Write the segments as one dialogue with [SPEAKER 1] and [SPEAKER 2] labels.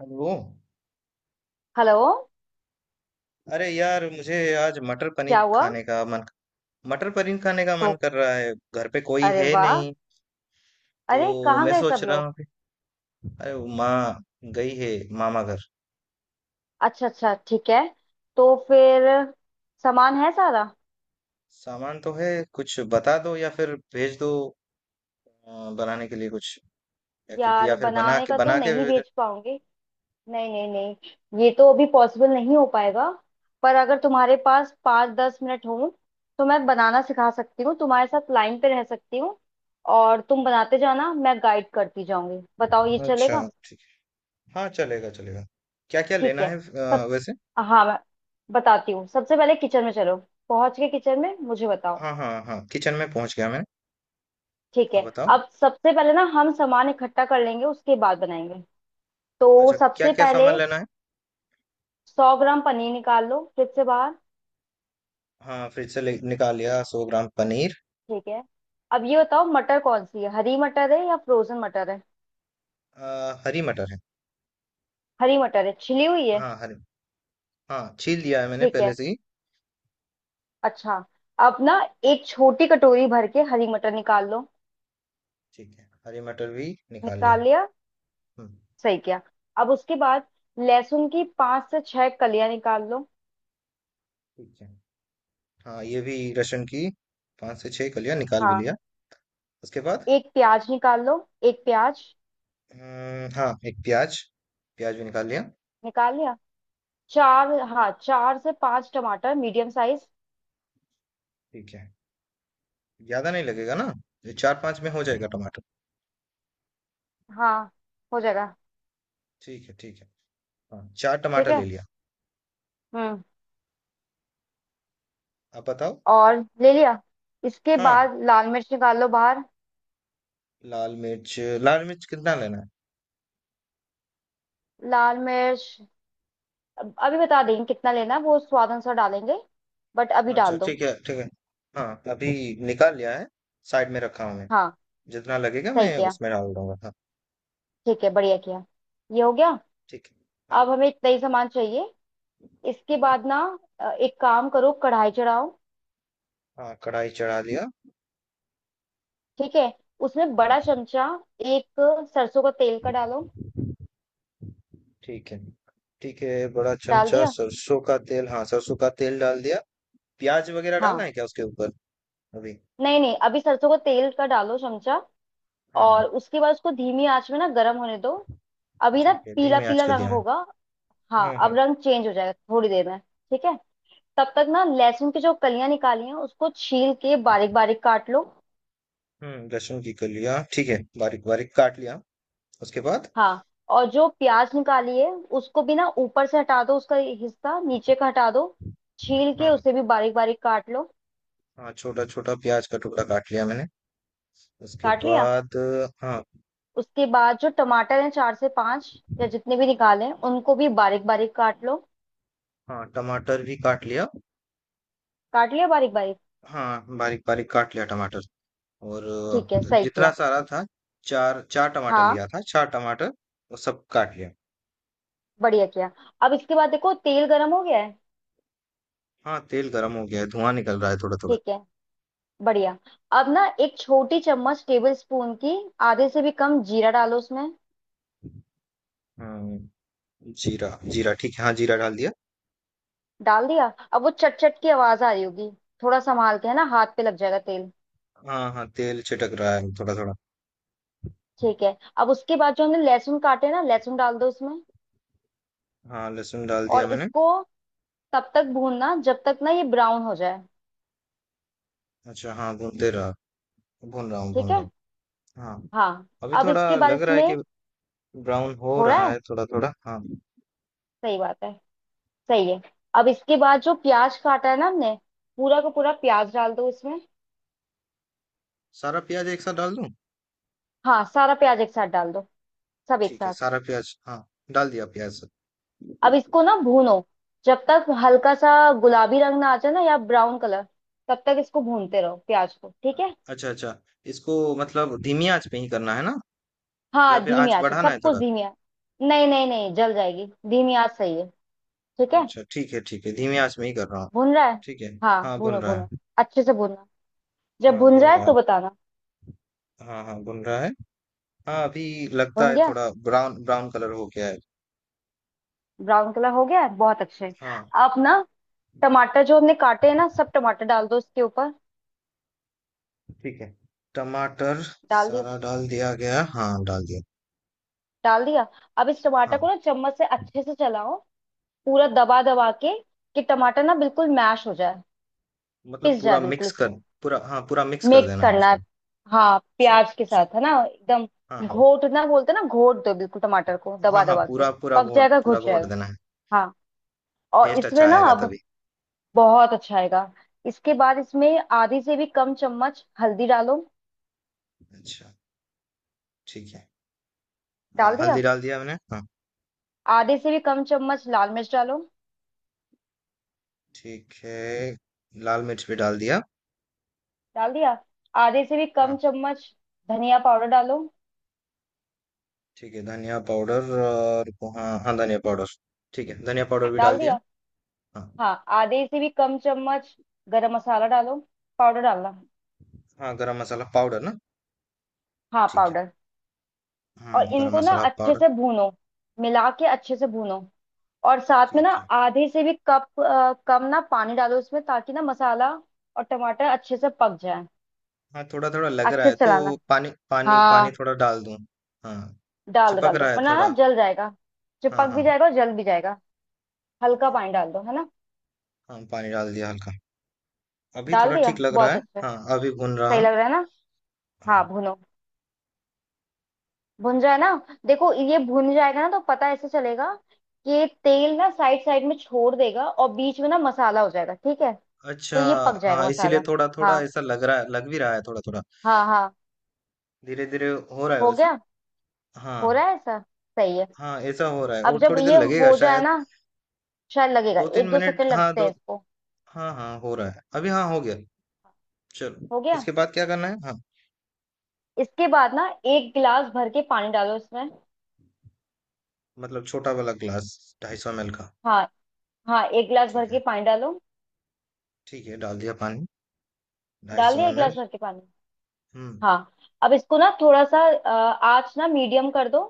[SPEAKER 1] Hello.
[SPEAKER 2] Hello.
[SPEAKER 1] अरे यार, मुझे आज मटर
[SPEAKER 2] क्या
[SPEAKER 1] पनीर
[SPEAKER 2] हुआ?
[SPEAKER 1] खाने का मन
[SPEAKER 2] तो
[SPEAKER 1] कर रहा है। घर पे कोई
[SPEAKER 2] अरे
[SPEAKER 1] है
[SPEAKER 2] वाह।
[SPEAKER 1] नहीं,
[SPEAKER 2] अरे
[SPEAKER 1] तो
[SPEAKER 2] कहाँ
[SPEAKER 1] मैं
[SPEAKER 2] गए
[SPEAKER 1] सोच
[SPEAKER 2] सब
[SPEAKER 1] रहा
[SPEAKER 2] लोग?
[SPEAKER 1] हूँ कि... अरे वो माँ गई है, मामा घर।
[SPEAKER 2] अच्छा अच्छा, ठीक है। तो फिर सामान है सारा?
[SPEAKER 1] सामान तो है, कुछ बता दो या फिर भेज दो, बनाने के लिए कुछ,
[SPEAKER 2] यार,
[SPEAKER 1] या फिर
[SPEAKER 2] बनाने का तो
[SPEAKER 1] बना के
[SPEAKER 2] नहीं
[SPEAKER 1] भेज
[SPEAKER 2] बेच पाऊंगी। नहीं नहीं नहीं, ये तो अभी पॉसिबल नहीं हो पाएगा। पर अगर तुम्हारे पास 5-10 मिनट हो तो मैं बनाना सिखा सकती हूँ, तुम्हारे साथ लाइन पे रह सकती हूँ और तुम बनाते जाना, मैं गाइड करती जाऊंगी। बताओ ये
[SPEAKER 1] दो। अच्छा
[SPEAKER 2] चलेगा?
[SPEAKER 1] ठीक है। हाँ, चलेगा चलेगा। क्या क्या
[SPEAKER 2] ठीक
[SPEAKER 1] लेना
[SPEAKER 2] है,
[SPEAKER 1] है वैसे।
[SPEAKER 2] हाँ मैं बताती हूँ। सबसे पहले किचन में चलो, पहुंच के किचन में मुझे बताओ।
[SPEAKER 1] हाँ हाँ हाँ, किचन में पहुंच गया मैं।
[SPEAKER 2] ठीक है।
[SPEAKER 1] अब बताओ।
[SPEAKER 2] अब सबसे पहले ना हम सामान इकट्ठा कर लेंगे, उसके बाद बनाएंगे। तो
[SPEAKER 1] अच्छा, क्या
[SPEAKER 2] सबसे
[SPEAKER 1] क्या
[SPEAKER 2] पहले
[SPEAKER 1] सामान लेना है।
[SPEAKER 2] 100 ग्राम पनीर निकाल लो फ्रिज से बाहर।
[SPEAKER 1] हाँ, फ्रिज से निकाल लिया 100 ग्राम पनीर।
[SPEAKER 2] ठीक है। अब ये बताओ, मटर कौन सी है, हरी मटर है या फ्रोजन मटर है?
[SPEAKER 1] आ, हरी मटर है।
[SPEAKER 2] हरी मटर है, छिली हुई है?
[SPEAKER 1] हाँ हरी। हाँ, छील लिया है मैंने
[SPEAKER 2] ठीक है,
[SPEAKER 1] पहले से ही।
[SPEAKER 2] अच्छा। अब ना एक छोटी कटोरी भर के हरी मटर निकाल लो।
[SPEAKER 1] ठीक है, हरी मटर भी निकाल लिया।
[SPEAKER 2] निकाल लिया,
[SPEAKER 1] हम्म।
[SPEAKER 2] सही किया। अब उसके बाद लहसुन की पांच से छह कलियां निकाल लो।
[SPEAKER 1] ठीक है। हाँ ये भी, लहसुन की 5 से 6 कलियां निकाल भी
[SPEAKER 2] हाँ,
[SPEAKER 1] लिया। उसके बाद...
[SPEAKER 2] एक प्याज निकाल लो, एक प्याज।
[SPEAKER 1] हाँ एक प्याज। प्याज भी निकाल लिया।
[SPEAKER 2] निकाल लिया। चार, हाँ चार से पांच टमाटर मीडियम साइज।
[SPEAKER 1] ठीक है। ज्यादा नहीं लगेगा ना? ये चार पांच में हो जाएगा टमाटर?
[SPEAKER 2] हाँ हो जाएगा।
[SPEAKER 1] ठीक है ठीक है। हाँ, चार
[SPEAKER 2] ठीक
[SPEAKER 1] टमाटर ले
[SPEAKER 2] है।
[SPEAKER 1] लिया।
[SPEAKER 2] हम्म,
[SPEAKER 1] आप बताओ।
[SPEAKER 2] और ले लिया। इसके
[SPEAKER 1] हाँ,
[SPEAKER 2] बाद लाल मिर्च निकाल लो बाहर।
[SPEAKER 1] लाल मिर्च। लाल मिर्च कितना लेना
[SPEAKER 2] लाल मिर्च अभी बता देंगे कितना लेना है, वो स्वाद अनुसार डालेंगे, बट अभी
[SPEAKER 1] है? अच्छा
[SPEAKER 2] डाल दो।
[SPEAKER 1] ठीक है ठीक है। हाँ, अभी निकाल लिया है, साइड में रखा हूँ मैं।
[SPEAKER 2] हाँ,
[SPEAKER 1] जितना लगेगा
[SPEAKER 2] सही
[SPEAKER 1] मैं
[SPEAKER 2] किया,
[SPEAKER 1] उसमें डाल दूंगा, हाँ।
[SPEAKER 2] ठीक है, बढ़िया किया। ये हो गया।
[SPEAKER 1] ठीक है। हाँ
[SPEAKER 2] अब हमें इतना ही सामान चाहिए। इसके बाद ना, एक काम करो, कढ़ाई चढ़ाओ।
[SPEAKER 1] हाँ, कढ़ाई चढ़ा लिया।
[SPEAKER 2] ठीक है। उसमें
[SPEAKER 1] हाँ।
[SPEAKER 2] बड़ा चमचा एक सरसों का तेल का डालो।
[SPEAKER 1] ठीक है ठीक है, बड़ा
[SPEAKER 2] डाल
[SPEAKER 1] चमचा
[SPEAKER 2] दिया,
[SPEAKER 1] सरसों का तेल, हाँ सरसों का तेल डाल दिया। प्याज वगैरह डालना
[SPEAKER 2] हाँ।
[SPEAKER 1] है क्या उसके ऊपर अभी?
[SPEAKER 2] नहीं नहीं, अभी सरसों का तेल का डालो चमचा।
[SPEAKER 1] हाँ हाँ।
[SPEAKER 2] और उसके बाद उसको धीमी आंच में ना गर्म होने दो। अभी ना
[SPEAKER 1] ठीक है,
[SPEAKER 2] पीला
[SPEAKER 1] धीमी आंच
[SPEAKER 2] पीला
[SPEAKER 1] कर दिया
[SPEAKER 2] रंग
[SPEAKER 1] हूँ।
[SPEAKER 2] होगा। हाँ
[SPEAKER 1] हम्म।
[SPEAKER 2] अब
[SPEAKER 1] हम्म।
[SPEAKER 2] रंग चेंज हो जाएगा थोड़ी देर में, ठीक है। तब तक ना लहसुन की जो कलियां निकाली हैं उसको छील के बारीक बारीक काट लो।
[SPEAKER 1] लहसुन की कर लिया, ठीक है, बारीक बारीक काट लिया। उसके बाद...
[SPEAKER 2] हाँ, और जो प्याज निकाली है उसको भी ना ऊपर से हटा दो, उसका हिस्सा नीचे का हटा दो, छील के
[SPEAKER 1] हाँ हाँ।
[SPEAKER 2] उसे भी बारीक बारीक काट लो।
[SPEAKER 1] हाँ, छोटा छोटा प्याज का टुकड़ा काट लिया मैंने। उसके
[SPEAKER 2] काट लिया।
[SPEAKER 1] बाद... हाँ।
[SPEAKER 2] उसके बाद जो टमाटर हैं चार से पांच या जितने भी निकाले हैं उनको भी बारीक बारीक काट लो।
[SPEAKER 1] हाँ, टमाटर भी काट लिया।
[SPEAKER 2] काट लिया बारीक बारीक।
[SPEAKER 1] हाँ, बारीक बारीक काट लिया टमाटर। और
[SPEAKER 2] ठीक है, सही
[SPEAKER 1] जितना
[SPEAKER 2] किया,
[SPEAKER 1] सारा था, चार चार टमाटर
[SPEAKER 2] हाँ
[SPEAKER 1] लिया था, चार टमाटर, वो सब काट लिया।
[SPEAKER 2] बढ़िया किया। अब इसके बाद देखो तेल गर्म हो गया है।
[SPEAKER 1] हाँ, तेल गरम हो गया है, धुआं निकल रहा है थोड़ा थोड़ा।
[SPEAKER 2] ठीक है, बढ़िया। अब ना एक छोटी चम्मच टेबल स्पून की, आधे से भी कम जीरा डालो उसमें।
[SPEAKER 1] हाँ, जीरा जीरा ठीक है, हाँ जीरा डाल दिया।
[SPEAKER 2] डाल दिया। अब वो चट चट की आवाज आ रही होगी, थोड़ा संभाल के है ना, हाथ पे लग जाएगा तेल।
[SPEAKER 1] हाँ हाँ, तेल छिटक रहा है थोड़ा थोड़ा।
[SPEAKER 2] ठीक है, अब उसके बाद जो हमने लहसुन काटे हैं ना, लहसुन डाल दो उसमें।
[SPEAKER 1] हाँ, लहसुन डाल
[SPEAKER 2] और
[SPEAKER 1] दिया मैंने।
[SPEAKER 2] इसको तब तक भूनना जब तक ना ये ब्राउन हो जाए।
[SPEAKER 1] अच्छा, हाँ, भूनते रहा, भून रहा हूँ
[SPEAKER 2] ठीक
[SPEAKER 1] भून रहा
[SPEAKER 2] है,
[SPEAKER 1] हूँ। हाँ।
[SPEAKER 2] हाँ।
[SPEAKER 1] अभी
[SPEAKER 2] अब
[SPEAKER 1] थोड़ा
[SPEAKER 2] इसके बाद
[SPEAKER 1] लग रहा है
[SPEAKER 2] इसमें
[SPEAKER 1] कि ब्राउन हो
[SPEAKER 2] हो रहा
[SPEAKER 1] रहा
[SPEAKER 2] है,
[SPEAKER 1] है थोड़ा थोड़ा, हाँ।
[SPEAKER 2] सही बात है, सही है। अब इसके बाद जो प्याज काटा है ना हमने, पूरा का पूरा प्याज डाल दो इसमें।
[SPEAKER 1] सारा प्याज एक साथ डाल दूँ?
[SPEAKER 2] हाँ सारा प्याज एक साथ डाल दो, सब एक
[SPEAKER 1] ठीक है,
[SPEAKER 2] साथ।
[SPEAKER 1] सारा प्याज, हाँ, डाल दिया प्याज सब।
[SPEAKER 2] अब इसको ना भूनो जब तक हल्का सा गुलाबी रंग ना आ जाए ना या ब्राउन कलर, तब तक इसको भूनते रहो प्याज को, ठीक है।
[SPEAKER 1] अच्छा अच्छा। इसको मतलब धीमी आंच पे ही करना है ना,
[SPEAKER 2] हाँ
[SPEAKER 1] या फिर
[SPEAKER 2] धीमी
[SPEAKER 1] आँच
[SPEAKER 2] आंच पे,
[SPEAKER 1] बढ़ाना
[SPEAKER 2] सब
[SPEAKER 1] है
[SPEAKER 2] कुछ
[SPEAKER 1] थोड़ा?
[SPEAKER 2] धीमी आंच। नहीं नहीं नहीं जल जाएगी, धीमी आंच सही है, ठीक है।
[SPEAKER 1] अच्छा, ठीक है, धीमी आँच में ही कर रहा हूँ।
[SPEAKER 2] भून रहा है,
[SPEAKER 1] ठीक है,
[SPEAKER 2] हाँ
[SPEAKER 1] हाँ,
[SPEAKER 2] भूनो
[SPEAKER 1] भून रहा
[SPEAKER 2] भूनो।
[SPEAKER 1] है।
[SPEAKER 2] अच्छे से भूनना, जब
[SPEAKER 1] हाँ,
[SPEAKER 2] भून
[SPEAKER 1] भून
[SPEAKER 2] जाए
[SPEAKER 1] रहा है।
[SPEAKER 2] तो बताना।
[SPEAKER 1] हाँ, हाँ, भून रहा है। हाँ, अभी लगता
[SPEAKER 2] भून
[SPEAKER 1] है
[SPEAKER 2] गया,
[SPEAKER 1] थोड़ा ब्राउन ब्राउन कलर हो गया है।
[SPEAKER 2] ब्राउन कलर हो गया है, बहुत अच्छे।
[SPEAKER 1] हाँ,
[SPEAKER 2] अब ना टमाटर जो हमने काटे हैं ना सब टमाटर डाल दो इसके ऊपर।
[SPEAKER 1] ठीक है। टमाटर
[SPEAKER 2] डाल दिया,
[SPEAKER 1] सारा डाल दिया गया। हाँ, डाल दिया।
[SPEAKER 2] डाल दिया। अब इस
[SPEAKER 1] हाँ,
[SPEAKER 2] टमाटर को ना चम्मच से अच्छे से चलाओ, पूरा दबा दबा के कि टमाटर ना बिल्कुल मैश हो जाए,
[SPEAKER 1] मतलब
[SPEAKER 2] पिस जाए
[SPEAKER 1] पूरा
[SPEAKER 2] बिल्कुल
[SPEAKER 1] मिक्स कर
[SPEAKER 2] इसमें।
[SPEAKER 1] पूरा, हाँ, पूरा मिक्स कर
[SPEAKER 2] मिक्स
[SPEAKER 1] देना है
[SPEAKER 2] करना
[SPEAKER 1] उसको।
[SPEAKER 2] है, हाँ
[SPEAKER 1] अच्छा,
[SPEAKER 2] प्याज के
[SPEAKER 1] अच्छा।
[SPEAKER 2] साथ है ना एकदम।
[SPEAKER 1] हाँ, हाँ।
[SPEAKER 2] घोटना बोलते हैं ना, घोट दो बिल्कुल टमाटर को
[SPEAKER 1] हाँ,
[SPEAKER 2] दबा
[SPEAKER 1] हाँ,
[SPEAKER 2] दबा के।
[SPEAKER 1] पूरा
[SPEAKER 2] पक जाएगा,
[SPEAKER 1] पूरा
[SPEAKER 2] घुट
[SPEAKER 1] घोट
[SPEAKER 2] जाएगा,
[SPEAKER 1] देना है।
[SPEAKER 2] हाँ। और
[SPEAKER 1] टेस्ट
[SPEAKER 2] इसमें
[SPEAKER 1] अच्छा
[SPEAKER 2] ना
[SPEAKER 1] आएगा
[SPEAKER 2] अब
[SPEAKER 1] तभी।
[SPEAKER 2] बहुत अच्छा आएगा। इसके बाद इसमें आधी से भी कम चम्मच हल्दी डालो।
[SPEAKER 1] अच्छा, ठीक है। हाँ,
[SPEAKER 2] डाल
[SPEAKER 1] हल्दी
[SPEAKER 2] दिया।
[SPEAKER 1] डाल दिया मैंने। हाँ,
[SPEAKER 2] आधे से भी कम चम्मच लाल मिर्च डालो।
[SPEAKER 1] ठीक है, लाल मिर्च भी डाल दिया।
[SPEAKER 2] डाल दिया। आधे से भी कम
[SPEAKER 1] हाँ,
[SPEAKER 2] चम्मच धनिया पाउडर डालो।
[SPEAKER 1] ठीक है, धनिया पाउडर, और हाँ हाँ धनिया पाउडर, ठीक है, धनिया पाउडर भी
[SPEAKER 2] डाल
[SPEAKER 1] डाल दिया।
[SPEAKER 2] दिया,
[SPEAKER 1] हाँ
[SPEAKER 2] हाँ। आधे से भी कम चम्मच गरम मसाला डालो, पाउडर डालना।
[SPEAKER 1] हाँ, गरम मसाला पाउडर ना?
[SPEAKER 2] हाँ
[SPEAKER 1] ठीक है,
[SPEAKER 2] पाउडर।
[SPEAKER 1] हाँ,
[SPEAKER 2] और
[SPEAKER 1] गरम
[SPEAKER 2] इनको ना
[SPEAKER 1] मसाला
[SPEAKER 2] अच्छे
[SPEAKER 1] पाउडर।
[SPEAKER 2] से भूनो, मिला के अच्छे से भूनो। और साथ में ना
[SPEAKER 1] ठीक है।
[SPEAKER 2] आधे से भी कम ना पानी डालो इसमें ताकि ना मसाला और टमाटर अच्छे से पक जाए।
[SPEAKER 1] हाँ, थोड़ा थोड़ा लग रहा
[SPEAKER 2] अच्छे
[SPEAKER 1] है
[SPEAKER 2] से
[SPEAKER 1] तो
[SPEAKER 2] चलाना,
[SPEAKER 1] पानी पानी पानी
[SPEAKER 2] हाँ
[SPEAKER 1] थोड़ा डाल दूं? हाँ, चिपक
[SPEAKER 2] डाल दो
[SPEAKER 1] रहा है
[SPEAKER 2] वरना ना
[SPEAKER 1] थोड़ा।
[SPEAKER 2] जल जाएगा, जो
[SPEAKER 1] हाँ
[SPEAKER 2] पक भी
[SPEAKER 1] हाँ।
[SPEAKER 2] जाएगा और जल भी जाएगा।
[SPEAKER 1] ठीक
[SPEAKER 2] हल्का
[SPEAKER 1] है,
[SPEAKER 2] पानी डाल दो है ना।
[SPEAKER 1] हाँ, पानी डाल दिया हल्का। अभी
[SPEAKER 2] डाल
[SPEAKER 1] थोड़ा
[SPEAKER 2] दिया,
[SPEAKER 1] ठीक लग रहा
[SPEAKER 2] बहुत
[SPEAKER 1] है,
[SPEAKER 2] अच्छा है।
[SPEAKER 1] हाँ, अभी भून रहा
[SPEAKER 2] सही
[SPEAKER 1] हूँ।
[SPEAKER 2] लग रहा है ना? हाँ
[SPEAKER 1] हाँ।
[SPEAKER 2] भुनो, भुन जाए ना। देखो ये भुन जाएगा ना तो पता ऐसे चलेगा कि ये तेल ना साइड साइड में छोड़ देगा और बीच में ना मसाला हो जाएगा, ठीक है।
[SPEAKER 1] अच्छा।
[SPEAKER 2] तो ये पक जाएगा
[SPEAKER 1] हाँ, इसीलिए
[SPEAKER 2] मसाला,
[SPEAKER 1] थोड़ा थोड़ा
[SPEAKER 2] हाँ
[SPEAKER 1] ऐसा लग रहा है, लग भी रहा है थोड़ा थोड़ा।
[SPEAKER 2] हाँ हाँ।
[SPEAKER 1] धीरे धीरे हो रहा है
[SPEAKER 2] हो
[SPEAKER 1] वैसा।
[SPEAKER 2] गया,
[SPEAKER 1] हाँ।
[SPEAKER 2] हो रहा है ऐसा, सही है।
[SPEAKER 1] हाँ, ऐसा हो रहा है
[SPEAKER 2] अब
[SPEAKER 1] और
[SPEAKER 2] जब
[SPEAKER 1] थोड़ी देर
[SPEAKER 2] ये
[SPEAKER 1] लगेगा
[SPEAKER 2] हो जाए
[SPEAKER 1] शायद।
[SPEAKER 2] ना, शायद लगेगा,
[SPEAKER 1] दो तीन
[SPEAKER 2] एक दो
[SPEAKER 1] मिनट
[SPEAKER 2] सेकंड
[SPEAKER 1] हाँ
[SPEAKER 2] लगते
[SPEAKER 1] दो।
[SPEAKER 2] हैं इसको।
[SPEAKER 1] हाँ हाँ, हो रहा है अभी, हाँ हो गया। चलो,
[SPEAKER 2] हो गया।
[SPEAKER 1] इसके बाद क्या करना है? हाँ।
[SPEAKER 2] इसके बाद ना एक गिलास भर के पानी डालो इसमें।
[SPEAKER 1] मतलब छोटा वाला ग्लास, 250 ml का।
[SPEAKER 2] हाँ हाँ, एक गिलास भर
[SPEAKER 1] ठीक
[SPEAKER 2] के
[SPEAKER 1] है,
[SPEAKER 2] पानी डालो।
[SPEAKER 1] ठीक है, डाल दिया पानी, ढाई
[SPEAKER 2] डाल
[SPEAKER 1] सौ
[SPEAKER 2] दिया एक
[SPEAKER 1] एम एल
[SPEAKER 2] गिलास भर के पानी।
[SPEAKER 1] हम्म।
[SPEAKER 2] हाँ, अब इसको ना थोड़ा सा आँच ना मीडियम कर दो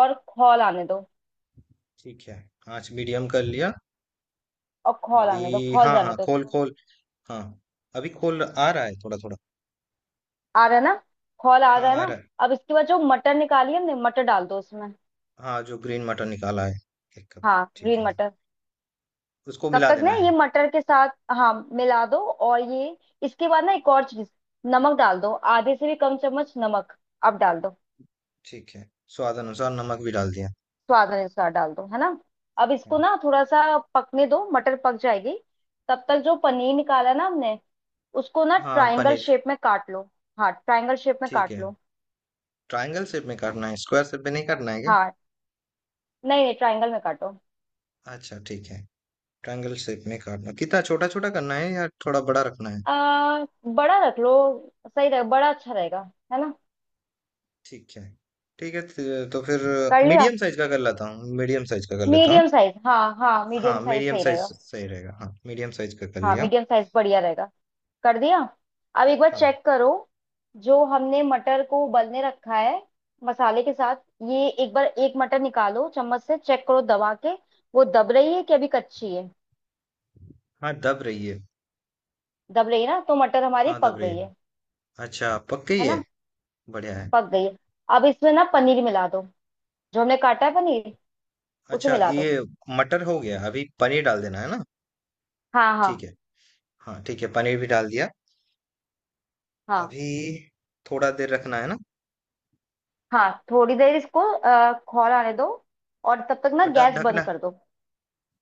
[SPEAKER 2] और खौल आने दो।
[SPEAKER 1] ठीक है, आंच मीडियम कर लिया।
[SPEAKER 2] और खौल आने दो,
[SPEAKER 1] अभी
[SPEAKER 2] खौल
[SPEAKER 1] हाँ
[SPEAKER 2] जाने
[SPEAKER 1] हाँ,
[SPEAKER 2] दो
[SPEAKER 1] खोल
[SPEAKER 2] इसको।
[SPEAKER 1] खोल। हाँ, अभी खोल आ रहा है थोड़ा थोड़ा।
[SPEAKER 2] आ रहा है ना, खौल आ
[SPEAKER 1] हाँ,
[SPEAKER 2] रहा है
[SPEAKER 1] आ रहा
[SPEAKER 2] ना।
[SPEAKER 1] है।
[SPEAKER 2] अब इसके बाद जो मटर निकाली हमने, मटर डाल दो उसमें।
[SPEAKER 1] हाँ, जो ग्रीन मटर निकाला है, एक कप।
[SPEAKER 2] हाँ
[SPEAKER 1] ठीक
[SPEAKER 2] ग्रीन
[SPEAKER 1] है,
[SPEAKER 2] मटर।
[SPEAKER 1] उसको
[SPEAKER 2] तब
[SPEAKER 1] मिला
[SPEAKER 2] तक ना
[SPEAKER 1] देना
[SPEAKER 2] ये
[SPEAKER 1] है।
[SPEAKER 2] मटर के साथ, हाँ मिला दो। और ये, इसके बाद ना एक और चीज, नमक डाल दो, आधे से भी कम चम्मच नमक अब डाल दो,
[SPEAKER 1] ठीक है, स्वाद अनुसार नमक भी डाल दिया।
[SPEAKER 2] स्वाद अनुसार डाल दो है ना। अब इसको ना थोड़ा सा पकने दो, मटर पक जाएगी, तब तक जो पनीर निकाला ना हमने उसको ना
[SPEAKER 1] हाँ,
[SPEAKER 2] ट्रायंगल
[SPEAKER 1] पनीर।
[SPEAKER 2] शेप में काट लो। हाँ ट्रायंगल शेप में
[SPEAKER 1] ठीक
[SPEAKER 2] काट
[SPEAKER 1] है।
[SPEAKER 2] लो।
[SPEAKER 1] ट्रायंगल शेप में करना है, स्क्वायर शेप में नहीं करना है क्या?
[SPEAKER 2] हाँ नहीं नहीं ट्रायंगल में काटो।
[SPEAKER 1] अच्छा, ठीक है। ट्रायंगल शेप में काटना कितना छोटा-छोटा करना है, या थोड़ा बड़ा रखना है?
[SPEAKER 2] आ, बड़ा रख लो, सही रहेगा, बड़ा अच्छा रहेगा, है ना।
[SPEAKER 1] ठीक है। ठीक है, त तो फिर
[SPEAKER 2] कर लिया,
[SPEAKER 1] मीडियम साइज़ का कर लेता हूँ, मीडियम साइज़ का कर लेता हूँ।
[SPEAKER 2] मीडियम साइज, हाँ हाँ मीडियम
[SPEAKER 1] हाँ,
[SPEAKER 2] साइज
[SPEAKER 1] मीडियम
[SPEAKER 2] सही
[SPEAKER 1] साइज़
[SPEAKER 2] रहेगा।
[SPEAKER 1] सही रहेगा। हाँ, मीडियम साइज़ का कर
[SPEAKER 2] हाँ
[SPEAKER 1] लिया।
[SPEAKER 2] मीडियम साइज बढ़िया रहेगा। कर दिया। अब एक बार
[SPEAKER 1] हाँ,
[SPEAKER 2] चेक करो, जो हमने मटर को उबलने रखा है मसाले के साथ, ये एक बार एक मटर निकालो चम्मच से, चेक करो दबा के, वो दब रही है कि अभी कच्ची है।
[SPEAKER 1] हाँ, दब रही है।
[SPEAKER 2] दब रही है ना, तो मटर हमारी
[SPEAKER 1] हाँ, दब
[SPEAKER 2] पक
[SPEAKER 1] रही
[SPEAKER 2] गई
[SPEAKER 1] है।
[SPEAKER 2] है
[SPEAKER 1] अच्छा, पक
[SPEAKER 2] है
[SPEAKER 1] गई है?
[SPEAKER 2] ना,
[SPEAKER 1] बढ़िया है।
[SPEAKER 2] पक गई है। अब इसमें ना पनीर मिला दो, जो हमने काटा है पनीर उसे
[SPEAKER 1] अच्छा,
[SPEAKER 2] मिला दो।
[SPEAKER 1] ये मटर हो गया, अभी पनीर डाल देना है ना?
[SPEAKER 2] हाँ हाँ
[SPEAKER 1] ठीक है। हाँ, ठीक है, पनीर भी डाल दिया।
[SPEAKER 2] हाँ,
[SPEAKER 1] अभी थोड़ा देर रखना है ना?
[SPEAKER 2] हाँ थोड़ी देर इसको खौल आने दो और तब तक ना
[SPEAKER 1] ढ
[SPEAKER 2] गैस बंद
[SPEAKER 1] ढकना,
[SPEAKER 2] कर दो।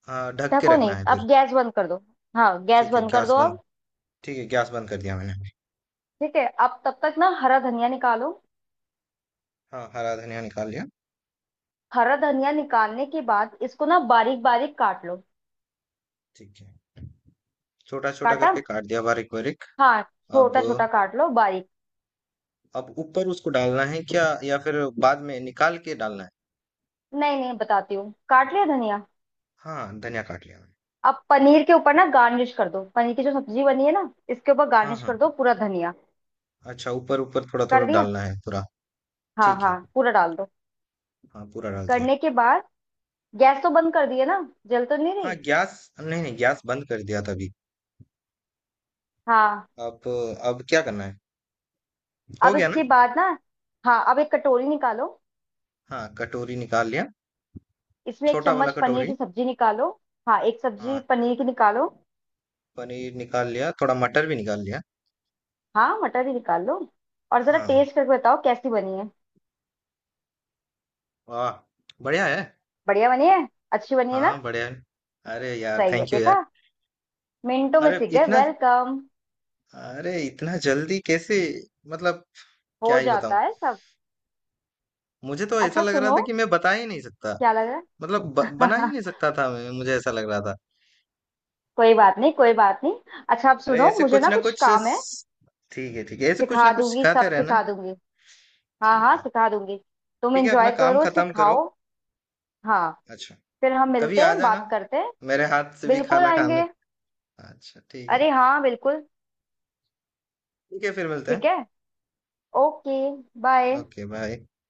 [SPEAKER 1] हाँ, ढक के
[SPEAKER 2] ढको
[SPEAKER 1] रखना
[SPEAKER 2] नहीं,
[SPEAKER 1] है
[SPEAKER 2] अब
[SPEAKER 1] फिर।
[SPEAKER 2] गैस बंद कर दो, हाँ गैस
[SPEAKER 1] ठीक है,
[SPEAKER 2] बंद कर
[SPEAKER 1] गैस
[SPEAKER 2] दो
[SPEAKER 1] बंद,
[SPEAKER 2] अब।
[SPEAKER 1] ठीक है, गैस बंद कर दिया मैंने।
[SPEAKER 2] ठीक है, अब तब तक ना हरा धनिया निकालो।
[SPEAKER 1] हाँ, हरा धनिया निकाल लिया।
[SPEAKER 2] हरा धनिया निकालने के बाद इसको ना बारीक बारीक काट लो।
[SPEAKER 1] ठीक है, छोटा छोटा
[SPEAKER 2] काटा,
[SPEAKER 1] करके काट दिया बारीक बारीक।
[SPEAKER 2] हाँ
[SPEAKER 1] अब...
[SPEAKER 2] छोटा छोटा काट लो बारीक।
[SPEAKER 1] अब ऊपर उसको डालना है क्या, या फिर बाद में निकाल के डालना है?
[SPEAKER 2] नहीं नहीं बताती हूँ, काट लिया धनिया।
[SPEAKER 1] हाँ, धनिया काट लिया मैंने।
[SPEAKER 2] अब पनीर के ऊपर ना गार्निश कर दो, पनीर की जो सब्जी बनी है ना इसके ऊपर
[SPEAKER 1] हाँ
[SPEAKER 2] गार्निश
[SPEAKER 1] हाँ।
[SPEAKER 2] कर दो पूरा धनिया।
[SPEAKER 1] अच्छा, ऊपर ऊपर थोड़ा थोड़ा
[SPEAKER 2] कर दिया,
[SPEAKER 1] डालना है पूरा?
[SPEAKER 2] हाँ
[SPEAKER 1] ठीक
[SPEAKER 2] हाँ
[SPEAKER 1] है,
[SPEAKER 2] पूरा डाल दो।
[SPEAKER 1] हाँ, पूरा डाल दिया।
[SPEAKER 2] करने के बाद गैस तो बंद कर दिया ना, जल तो नहीं
[SPEAKER 1] हाँ,
[SPEAKER 2] रही?
[SPEAKER 1] गैस, नहीं नहीं, गैस बंद कर दिया था अभी।
[SPEAKER 2] हाँ।
[SPEAKER 1] अब... अब क्या करना है, हो
[SPEAKER 2] अब
[SPEAKER 1] गया ना?
[SPEAKER 2] इसके बाद ना, हाँ अब एक कटोरी निकालो,
[SPEAKER 1] हाँ, कटोरी निकाल लिया।
[SPEAKER 2] इसमें एक
[SPEAKER 1] छोटा वाला
[SPEAKER 2] चम्मच पनीर
[SPEAKER 1] कटोरी।
[SPEAKER 2] की सब्जी निकालो। हाँ एक सब्जी
[SPEAKER 1] हाँ,
[SPEAKER 2] पनीर की निकालो।
[SPEAKER 1] पनीर निकाल लिया, थोड़ा मटर भी निकाल लिया।
[SPEAKER 2] हाँ मटर भी निकाल लो, और जरा
[SPEAKER 1] हाँ।
[SPEAKER 2] टेस्ट करके बताओ कैसी बनी है।
[SPEAKER 1] वाह, बढ़िया है।
[SPEAKER 2] बढ़िया बनी है, अच्छी बनी है ना,
[SPEAKER 1] हाँ, बढ़िया है। अरे यार,
[SPEAKER 2] सही है।
[SPEAKER 1] थैंक यू यार।
[SPEAKER 2] देखा, मिनटों में
[SPEAKER 1] अरे
[SPEAKER 2] सीख गए,
[SPEAKER 1] इतना...
[SPEAKER 2] वेलकम।
[SPEAKER 1] अरे इतना जल्दी कैसे? मतलब, क्या
[SPEAKER 2] हो
[SPEAKER 1] ही
[SPEAKER 2] जाता
[SPEAKER 1] बताऊं।
[SPEAKER 2] है सब।
[SPEAKER 1] मुझे तो ऐसा
[SPEAKER 2] अच्छा
[SPEAKER 1] लग रहा
[SPEAKER 2] सुनो,
[SPEAKER 1] था कि मैं बता ही नहीं सकता।
[SPEAKER 2] क्या लग रहा
[SPEAKER 1] मतलब बना ही
[SPEAKER 2] है?
[SPEAKER 1] नहीं सकता था मैं, मुझे ऐसा लग रहा था।
[SPEAKER 2] कोई बात नहीं, कोई बात नहीं। अच्छा, अब
[SPEAKER 1] अरे,
[SPEAKER 2] सुनो,
[SPEAKER 1] ऐसे
[SPEAKER 2] मुझे
[SPEAKER 1] कुछ
[SPEAKER 2] ना
[SPEAKER 1] ना
[SPEAKER 2] कुछ
[SPEAKER 1] कुछ
[SPEAKER 2] काम है।
[SPEAKER 1] ठीक है, ठीक है, ऐसे कुछ ना
[SPEAKER 2] सिखा
[SPEAKER 1] कुछ
[SPEAKER 2] दूंगी,
[SPEAKER 1] सिखाते
[SPEAKER 2] सब
[SPEAKER 1] रहना।
[SPEAKER 2] सिखा दूंगी, हाँ
[SPEAKER 1] ठीक
[SPEAKER 2] हाँ
[SPEAKER 1] है।
[SPEAKER 2] सिखा दूंगी। तुम
[SPEAKER 1] ठीक है, अपना
[SPEAKER 2] एंजॉय
[SPEAKER 1] काम
[SPEAKER 2] करो,
[SPEAKER 1] खत्म करो।
[SPEAKER 2] सिखाओ। हाँ।
[SPEAKER 1] अच्छा।
[SPEAKER 2] फिर हम
[SPEAKER 1] कभी
[SPEAKER 2] मिलते
[SPEAKER 1] आ
[SPEAKER 2] हैं,
[SPEAKER 1] जाना
[SPEAKER 2] बात करते हैं।
[SPEAKER 1] मेरे हाथ से भी
[SPEAKER 2] बिल्कुल
[SPEAKER 1] खाना खाने।
[SPEAKER 2] आएंगे,
[SPEAKER 1] अच्छा, ठीक है।
[SPEAKER 2] अरे हाँ बिल्कुल।
[SPEAKER 1] ठीक है, फिर मिलते
[SPEAKER 2] ठीक
[SPEAKER 1] हैं।
[SPEAKER 2] है, ओके, बाय।
[SPEAKER 1] Okay bye.